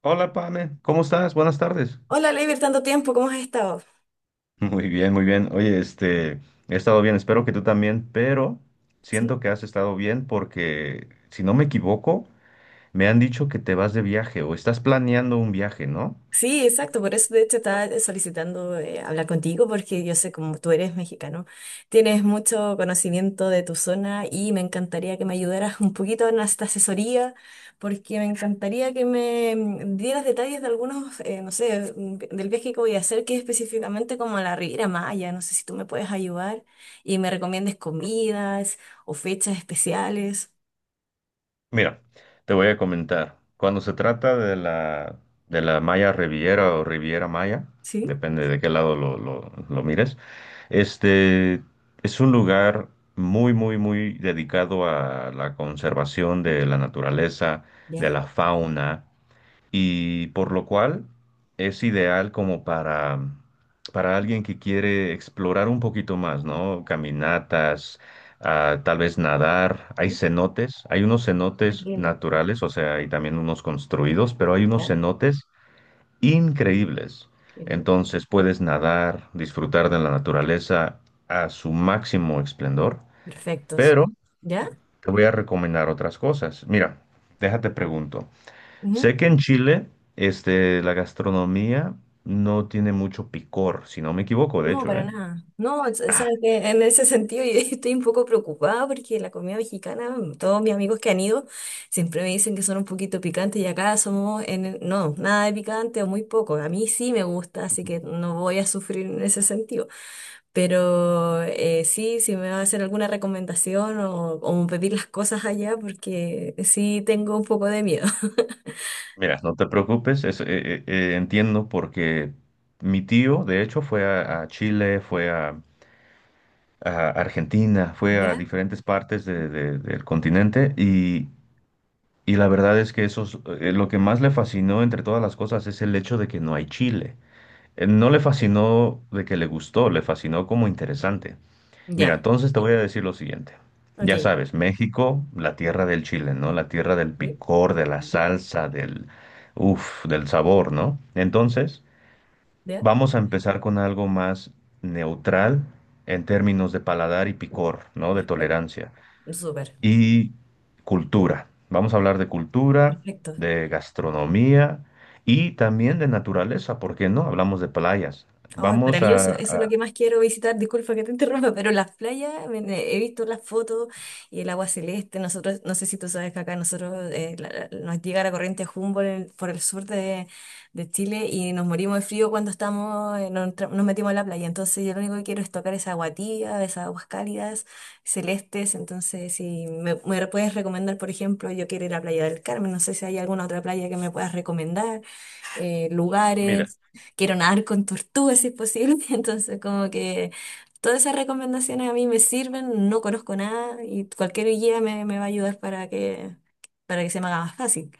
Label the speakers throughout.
Speaker 1: Hola, Pame, ¿cómo estás? Buenas tardes.
Speaker 2: Hola, Leiber, tanto tiempo, ¿cómo has estado?
Speaker 1: Muy bien, muy bien. Oye, he estado bien, espero que tú también, pero siento
Speaker 2: Sí.
Speaker 1: que has estado bien porque, si no me equivoco, me han dicho que te vas de viaje o estás planeando un viaje, ¿no?
Speaker 2: Sí, exacto, por eso de hecho estaba solicitando hablar contigo porque yo sé como tú eres mexicano, tienes mucho conocimiento de tu zona y me encantaría que me ayudaras un poquito en esta asesoría porque me encantaría que me dieras detalles de algunos, no sé, del viaje que voy a hacer, que es específicamente como a la Riviera Maya. No sé si tú me puedes ayudar y me recomiendes comidas o fechas especiales.
Speaker 1: Mira, te voy a comentar. Cuando se trata de la Maya Riviera o Riviera Maya,
Speaker 2: ¿Sí?
Speaker 1: depende de qué lado lo mires, este es un lugar muy, muy, muy dedicado a la conservación de la naturaleza, de
Speaker 2: Ya.
Speaker 1: la fauna y por lo cual es ideal como para alguien que quiere explorar un poquito más, ¿no? Caminatas, tal vez nadar, hay
Speaker 2: Ujú,
Speaker 1: cenotes, hay unos cenotes
Speaker 2: entiendo.
Speaker 1: naturales, o sea, hay también unos construidos, pero hay unos cenotes increíbles.
Speaker 2: Qué bien.
Speaker 1: Entonces puedes nadar, disfrutar de la naturaleza a su máximo esplendor,
Speaker 2: Perfectos.
Speaker 1: pero
Speaker 2: ¿Ya?
Speaker 1: te voy a recomendar otras cosas. Mira, déjate pregunto.
Speaker 2: Ujú.
Speaker 1: Sé que en Chile, la gastronomía no tiene mucho picor, si no me equivoco, de
Speaker 2: No,
Speaker 1: hecho,
Speaker 2: para
Speaker 1: ¿eh?
Speaker 2: nada. No, sabes que en ese sentido yo estoy un poco preocupada porque la comida mexicana, todos mis amigos que han ido siempre me dicen que son un poquito picantes, y acá somos en no, nada de picante o muy poco. A mí sí me gusta, así que no voy a sufrir en ese sentido. Pero sí, si me va a hacer alguna recomendación o pedir las cosas allá, porque sí tengo un poco de miedo.
Speaker 1: Mira, no te preocupes, entiendo porque mi tío, de hecho, fue a Chile, fue a Argentina, fue
Speaker 2: ¿Ya?
Speaker 1: a diferentes partes del continente y la verdad es que lo que más le fascinó entre todas las cosas es el hecho de que no hay chile. No le fascinó de que le gustó, le fascinó como interesante. Mira,
Speaker 2: Ya.
Speaker 1: entonces te voy a decir lo siguiente.
Speaker 2: Ok.
Speaker 1: Ya sabes, México, la tierra del chile, ¿no? La tierra del
Speaker 2: Sí.
Speaker 1: picor, de la salsa, uf, del sabor, ¿no? Entonces,
Speaker 2: ¿Ya?
Speaker 1: vamos a empezar con algo más neutral en términos de paladar y picor, ¿no? De
Speaker 2: Perfecto,
Speaker 1: tolerancia.
Speaker 2: súper,
Speaker 1: Y cultura. Vamos a hablar de cultura,
Speaker 2: perfecto.
Speaker 1: de gastronomía y también de naturaleza, ¿por qué no? Hablamos de playas.
Speaker 2: Ay,
Speaker 1: Vamos
Speaker 2: maravilloso,
Speaker 1: a,
Speaker 2: eso es lo
Speaker 1: a-
Speaker 2: que más quiero visitar. Disculpa que te interrumpa, pero las playas, ven, he visto las fotos y el agua celeste. Nosotros, no sé si tú sabes que acá nosotros nos llega la corriente Humboldt por el sur de Chile, y nos morimos de frío cuando estamos, nos, nos metimos a la playa. Entonces, yo lo único que quiero es tocar esa agua tibia, esas aguas cálidas, celestes. Entonces, si me, me puedes recomendar, por ejemplo, yo quiero ir a Playa del Carmen. No sé si hay alguna otra playa que me puedas recomendar,
Speaker 1: Mira,
Speaker 2: lugares. Quiero nadar con tortugas si es posible, entonces como que todas esas recomendaciones a mí me sirven. No conozco nada, y cualquier guía me, me va a ayudar para que se me haga más fácil.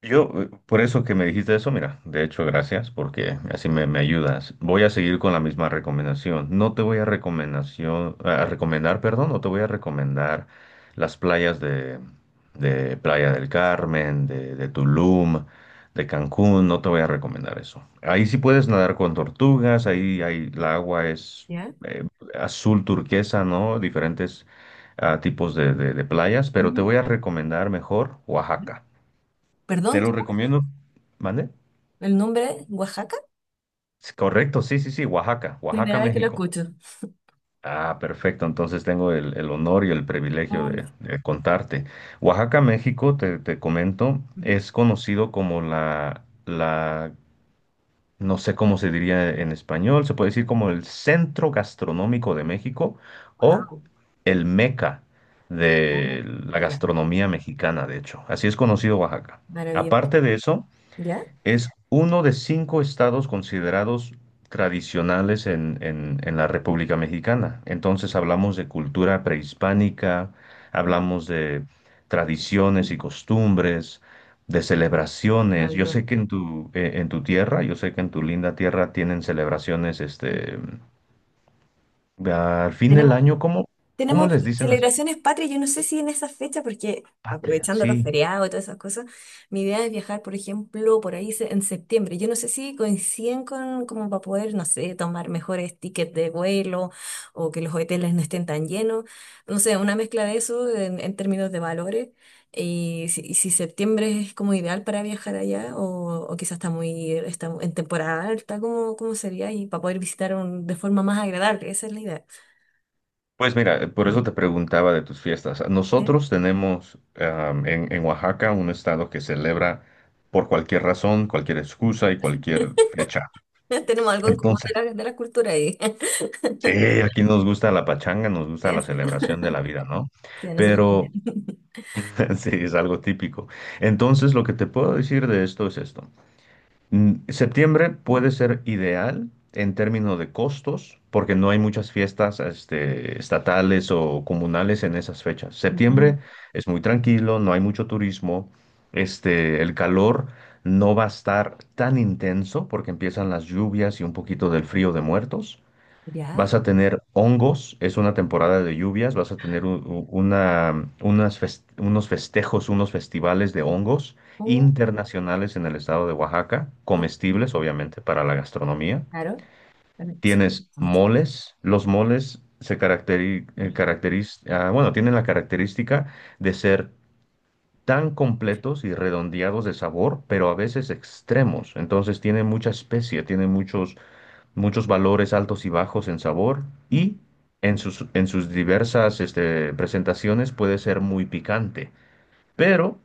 Speaker 1: Por eso que me dijiste eso, mira, de hecho, gracias, porque me ayudas. Voy a seguir con la misma recomendación. No te voy a recomendación, a recomendar, perdón, no te voy a recomendar las playas de Playa del Carmen, de Tulum, de Cancún, no te voy a recomendar eso. Ahí sí puedes nadar con tortugas, ahí la agua es
Speaker 2: ¿Ya?
Speaker 1: eh, azul turquesa, ¿no? Diferentes tipos de playas, pero te
Speaker 2: Ujú.
Speaker 1: voy a recomendar mejor Oaxaca. Te
Speaker 2: Perdón,
Speaker 1: lo
Speaker 2: ¿cómo?
Speaker 1: recomiendo. ¿Mande?
Speaker 2: ¿El nombre? ¿Oaxaca?
Speaker 1: Sí, correcto, sí, sí, sí, Oaxaca, Oaxaca,
Speaker 2: Primera vez que lo
Speaker 1: México.
Speaker 2: escucho.
Speaker 1: Ah, perfecto, entonces tengo el honor y el privilegio de contarte. Oaxaca, México, te comento, es conocido como no sé cómo se diría en español, se puede decir como el centro gastronómico de México o
Speaker 2: Wow.
Speaker 1: el meca
Speaker 2: Oh,
Speaker 1: de la
Speaker 2: ya.
Speaker 1: gastronomía mexicana, de hecho. Así es conocido Oaxaca.
Speaker 2: Maravilloso.
Speaker 1: Aparte de eso,
Speaker 2: ¿Ya?
Speaker 1: es uno de cinco estados considerados tradicionales en la República Mexicana. Entonces hablamos de cultura prehispánica, hablamos de tradiciones y costumbres, de celebraciones. Yo
Speaker 2: Maravilloso.
Speaker 1: sé que en en tu tierra, yo sé que en tu linda tierra tienen celebraciones, al fin del
Speaker 2: Tenemos.
Speaker 1: año, ¿cómo
Speaker 2: Tenemos
Speaker 1: les dicen las
Speaker 2: celebraciones patrias. Yo no sé si en esa fecha, porque
Speaker 1: patrias?
Speaker 2: aprovechando los
Speaker 1: Sí.
Speaker 2: feriados y todas esas cosas, mi idea es viajar, por ejemplo, por ahí en septiembre. Yo no sé si coinciden con, como para poder, no sé, tomar mejores tickets de vuelo o que los hoteles no estén tan llenos. No sé, una mezcla de eso en términos de valores. Y si septiembre es como ideal para viajar allá, o quizás está muy está en temporada alta, ¿cómo, cómo sería? Y para poder visitar de forma más agradable, esa es la idea.
Speaker 1: Pues mira, por eso te preguntaba de tus fiestas.
Speaker 2: ¿Sí?
Speaker 1: Nosotros tenemos en Oaxaca un estado que celebra por cualquier razón, cualquier excusa y cualquier fecha.
Speaker 2: Tenemos algo en común
Speaker 1: Entonces,
Speaker 2: de la cultura ahí.
Speaker 1: sí, aquí nos gusta la pachanga, nos gusta la
Speaker 2: Eso,
Speaker 1: celebración de la vida, ¿no?
Speaker 2: sí, nosotros
Speaker 1: Pero
Speaker 2: también.
Speaker 1: sí, es algo típico. Entonces, lo que te puedo decir de esto es esto. Septiembre puede ser ideal en términos de costos, porque no hay muchas fiestas, estatales o comunales en esas fechas.
Speaker 2: Ujú.
Speaker 1: Septiembre es muy tranquilo, no hay mucho turismo, el calor no va a estar tan intenso porque empiezan las lluvias y un poquito del frío de muertos.
Speaker 2: Ya,
Speaker 1: Vas a tener hongos, es una temporada de lluvias, vas a tener unos festejos, unos festivales de hongos
Speaker 2: oh.
Speaker 1: internacionales en el estado de Oaxaca,
Speaker 2: Oh,
Speaker 1: comestibles obviamente para la gastronomía.
Speaker 2: claro. Bueno, eso fue
Speaker 1: Tienes
Speaker 2: bastante.
Speaker 1: moles, los moles se caracteri-
Speaker 2: Vale.
Speaker 1: caracteriz- ah, bueno, tienen la característica de ser tan completos y redondeados de sabor, pero a veces extremos. Entonces tienen mucha especia, tienen muchos valores altos y bajos en sabor
Speaker 2: Oh,
Speaker 1: y en en sus diversas presentaciones puede ser muy picante. Pero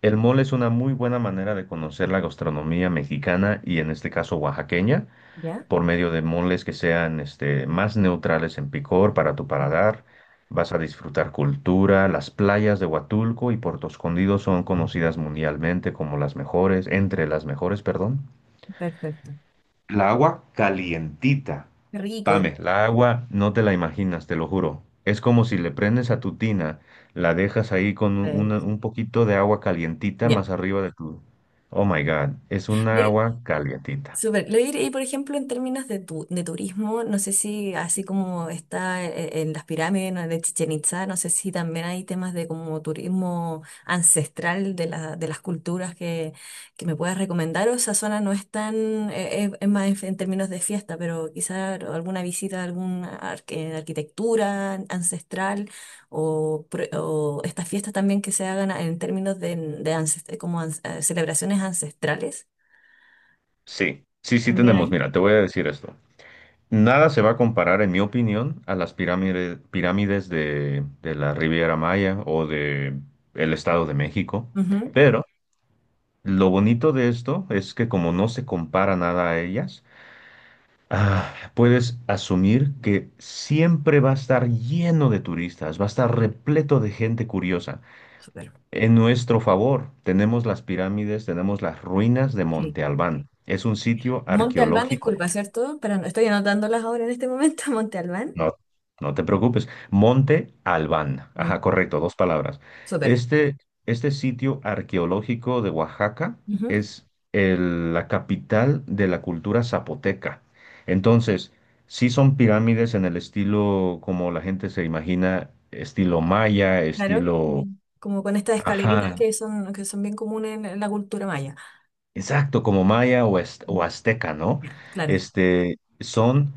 Speaker 1: el mole es una muy buena manera de conocer la gastronomía mexicana y en este caso oaxaqueña
Speaker 2: ya,
Speaker 1: por medio de moles que sean más neutrales en picor para tu paladar. Vas a disfrutar cultura, las playas de Huatulco y Puerto Escondido son conocidas mundialmente como las mejores, entre las mejores, perdón.
Speaker 2: perfecto.
Speaker 1: La agua calientita.
Speaker 2: Qué rico
Speaker 1: Pame, la agua no te la imaginas, te lo juro. Es como si le prendes a tu tina, la dejas ahí con
Speaker 2: para ellos.
Speaker 1: un poquito de agua calientita
Speaker 2: Ya.
Speaker 1: más arriba de tu... Oh my God, es una
Speaker 2: Le-
Speaker 1: agua calientita.
Speaker 2: Súper. Lo diré. Y por ejemplo, en términos de, de turismo, no sé si así como está en, las pirámides, ¿no?, de Chichen Itza, no sé si también hay temas de como turismo ancestral de, la, de las culturas que me puedas recomendar, o esa zona no es tan, es más en términos de fiesta, pero quizá alguna visita a alguna arquitectura ancestral o, o estas fiestas también que se hagan en términos de como celebraciones ancestrales.
Speaker 1: Sí, sí, sí
Speaker 2: También
Speaker 1: tenemos.
Speaker 2: hay.
Speaker 1: Mira, te voy a decir esto. Nada se va a comparar, en mi opinión, a las pirámides, pirámides de la Riviera Maya o de el Estado de México.
Speaker 2: Ujú.
Speaker 1: Pero lo bonito de esto es que como no se compara nada a ellas, puedes asumir que siempre va a estar lleno de turistas, va a estar repleto de gente curiosa.
Speaker 2: Súper.
Speaker 1: En nuestro favor, tenemos las pirámides, tenemos las ruinas de
Speaker 2: Sí.
Speaker 1: Monte Albán. Es un sitio
Speaker 2: Monte Albán,
Speaker 1: arqueológico.
Speaker 2: disculpa, ¿cierto? Pero no, estoy anotándolas ahora en este momento. Monte Albán.
Speaker 1: No, no te preocupes. Monte Albán.
Speaker 2: Mon-
Speaker 1: Ajá, correcto, dos palabras.
Speaker 2: Súper.
Speaker 1: Este, este sitio arqueológico de Oaxaca
Speaker 2: Ujú.
Speaker 1: es la capital de la cultura zapoteca. Entonces, sí son pirámides en el estilo como la gente se imagina, estilo maya,
Speaker 2: Claro.
Speaker 1: estilo...
Speaker 2: Mm, como con estas escaleritas
Speaker 1: Ajá,
Speaker 2: que son bien comunes en la cultura maya.
Speaker 1: exacto, como maya o
Speaker 2: Mm.
Speaker 1: azteca, ¿no?
Speaker 2: Ya, claro.
Speaker 1: Son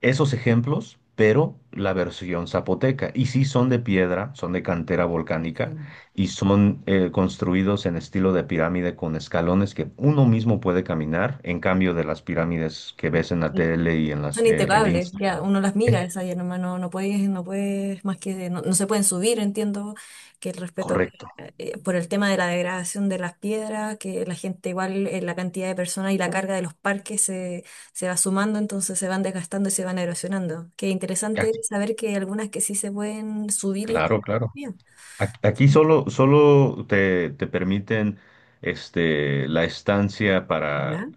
Speaker 1: esos ejemplos, pero la versión zapoteca. Y sí son de piedra, son de cantera
Speaker 2: Sí,
Speaker 1: volcánica y son construidos en estilo de pirámide con escalones que uno mismo puede caminar, en cambio de las pirámides que ves en la
Speaker 2: sí.
Speaker 1: tele y en las
Speaker 2: Son
Speaker 1: en
Speaker 2: impecables,
Speaker 1: Instagram.
Speaker 2: ya, uno las
Speaker 1: Es
Speaker 2: mira, esas ya nomás no, no puedes, no puedes, más que, no, no se pueden subir, entiendo que el respeto
Speaker 1: correcto.
Speaker 2: por el tema de la degradación de las piedras, que la gente igual, la cantidad de personas y la carga de los parques se, se va sumando, entonces se van desgastando y se van erosionando. Qué interesante
Speaker 1: Aquí-
Speaker 2: saber que hay algunas que sí se pueden subir y
Speaker 1: claro,
Speaker 2: escalar
Speaker 1: claro.
Speaker 2: todavía.
Speaker 1: Aquí solo te permiten la estancia
Speaker 2: ¿Ya?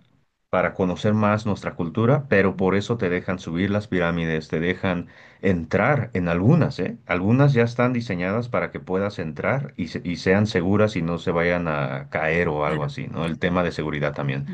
Speaker 1: para conocer más nuestra cultura, pero por eso te dejan subir las pirámides, te dejan entrar en algunas, ¿eh? Algunas ya están diseñadas para que puedas entrar y sean seguras y no se vayan a caer o algo
Speaker 2: Claro.
Speaker 1: así, ¿no? El tema de seguridad también.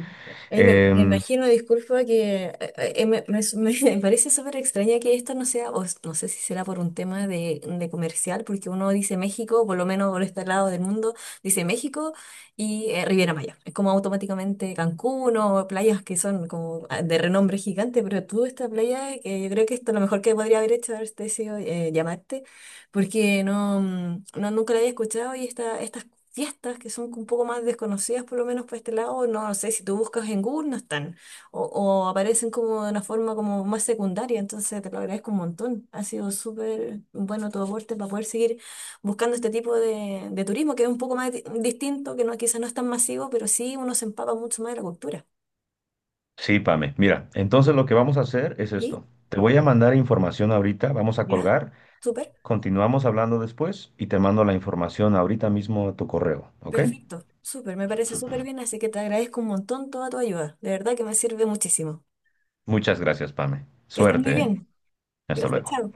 Speaker 2: Ay, me
Speaker 1: Em,
Speaker 2: imagino, disculpa, que me, me parece súper extraña que esto no sea, o s- no sé si será por un tema de comercial, porque uno dice México, por lo menos por este lado del mundo, dice México y Riviera Maya. Es como automáticamente Cancún o playas que son como ah, de renombre gigante, pero tú esta playa, que yo creo que esto es lo mejor que podría haber hecho, haberte sido llamarte, porque no, no nunca la había escuchado, y esta, estas fiestas que son un poco más desconocidas, por lo menos por este lado, no no sé, si tú buscas en Google no están, o aparecen como de una forma como más secundaria. Entonces te lo agradezco un montón. Ha sido súper bueno tu aporte para poder seguir buscando este tipo de turismo, que es un poco más distinto, que no, quizás no es tan masivo, pero sí uno se empapa mucho más de la cultura.
Speaker 1: sí, Pame, mira, entonces lo que vamos a hacer es
Speaker 2: ¿Sí?
Speaker 1: esto. Te voy a mandar información ahorita, vamos a
Speaker 2: ¿Ya?
Speaker 1: colgar.
Speaker 2: Súper.
Speaker 1: Continuamos hablando después y te mando la información ahorita mismo a tu correo, ¿ok?
Speaker 2: Perfecto, súper, me parece súper bien, así que te agradezco un montón toda tu ayuda, de verdad que me sirve muchísimo.
Speaker 1: Muchas gracias, Pame.
Speaker 2: Que estés muy
Speaker 1: Suerte, ¿eh?
Speaker 2: bien.
Speaker 1: Hasta
Speaker 2: Gracias,
Speaker 1: luego.
Speaker 2: chao.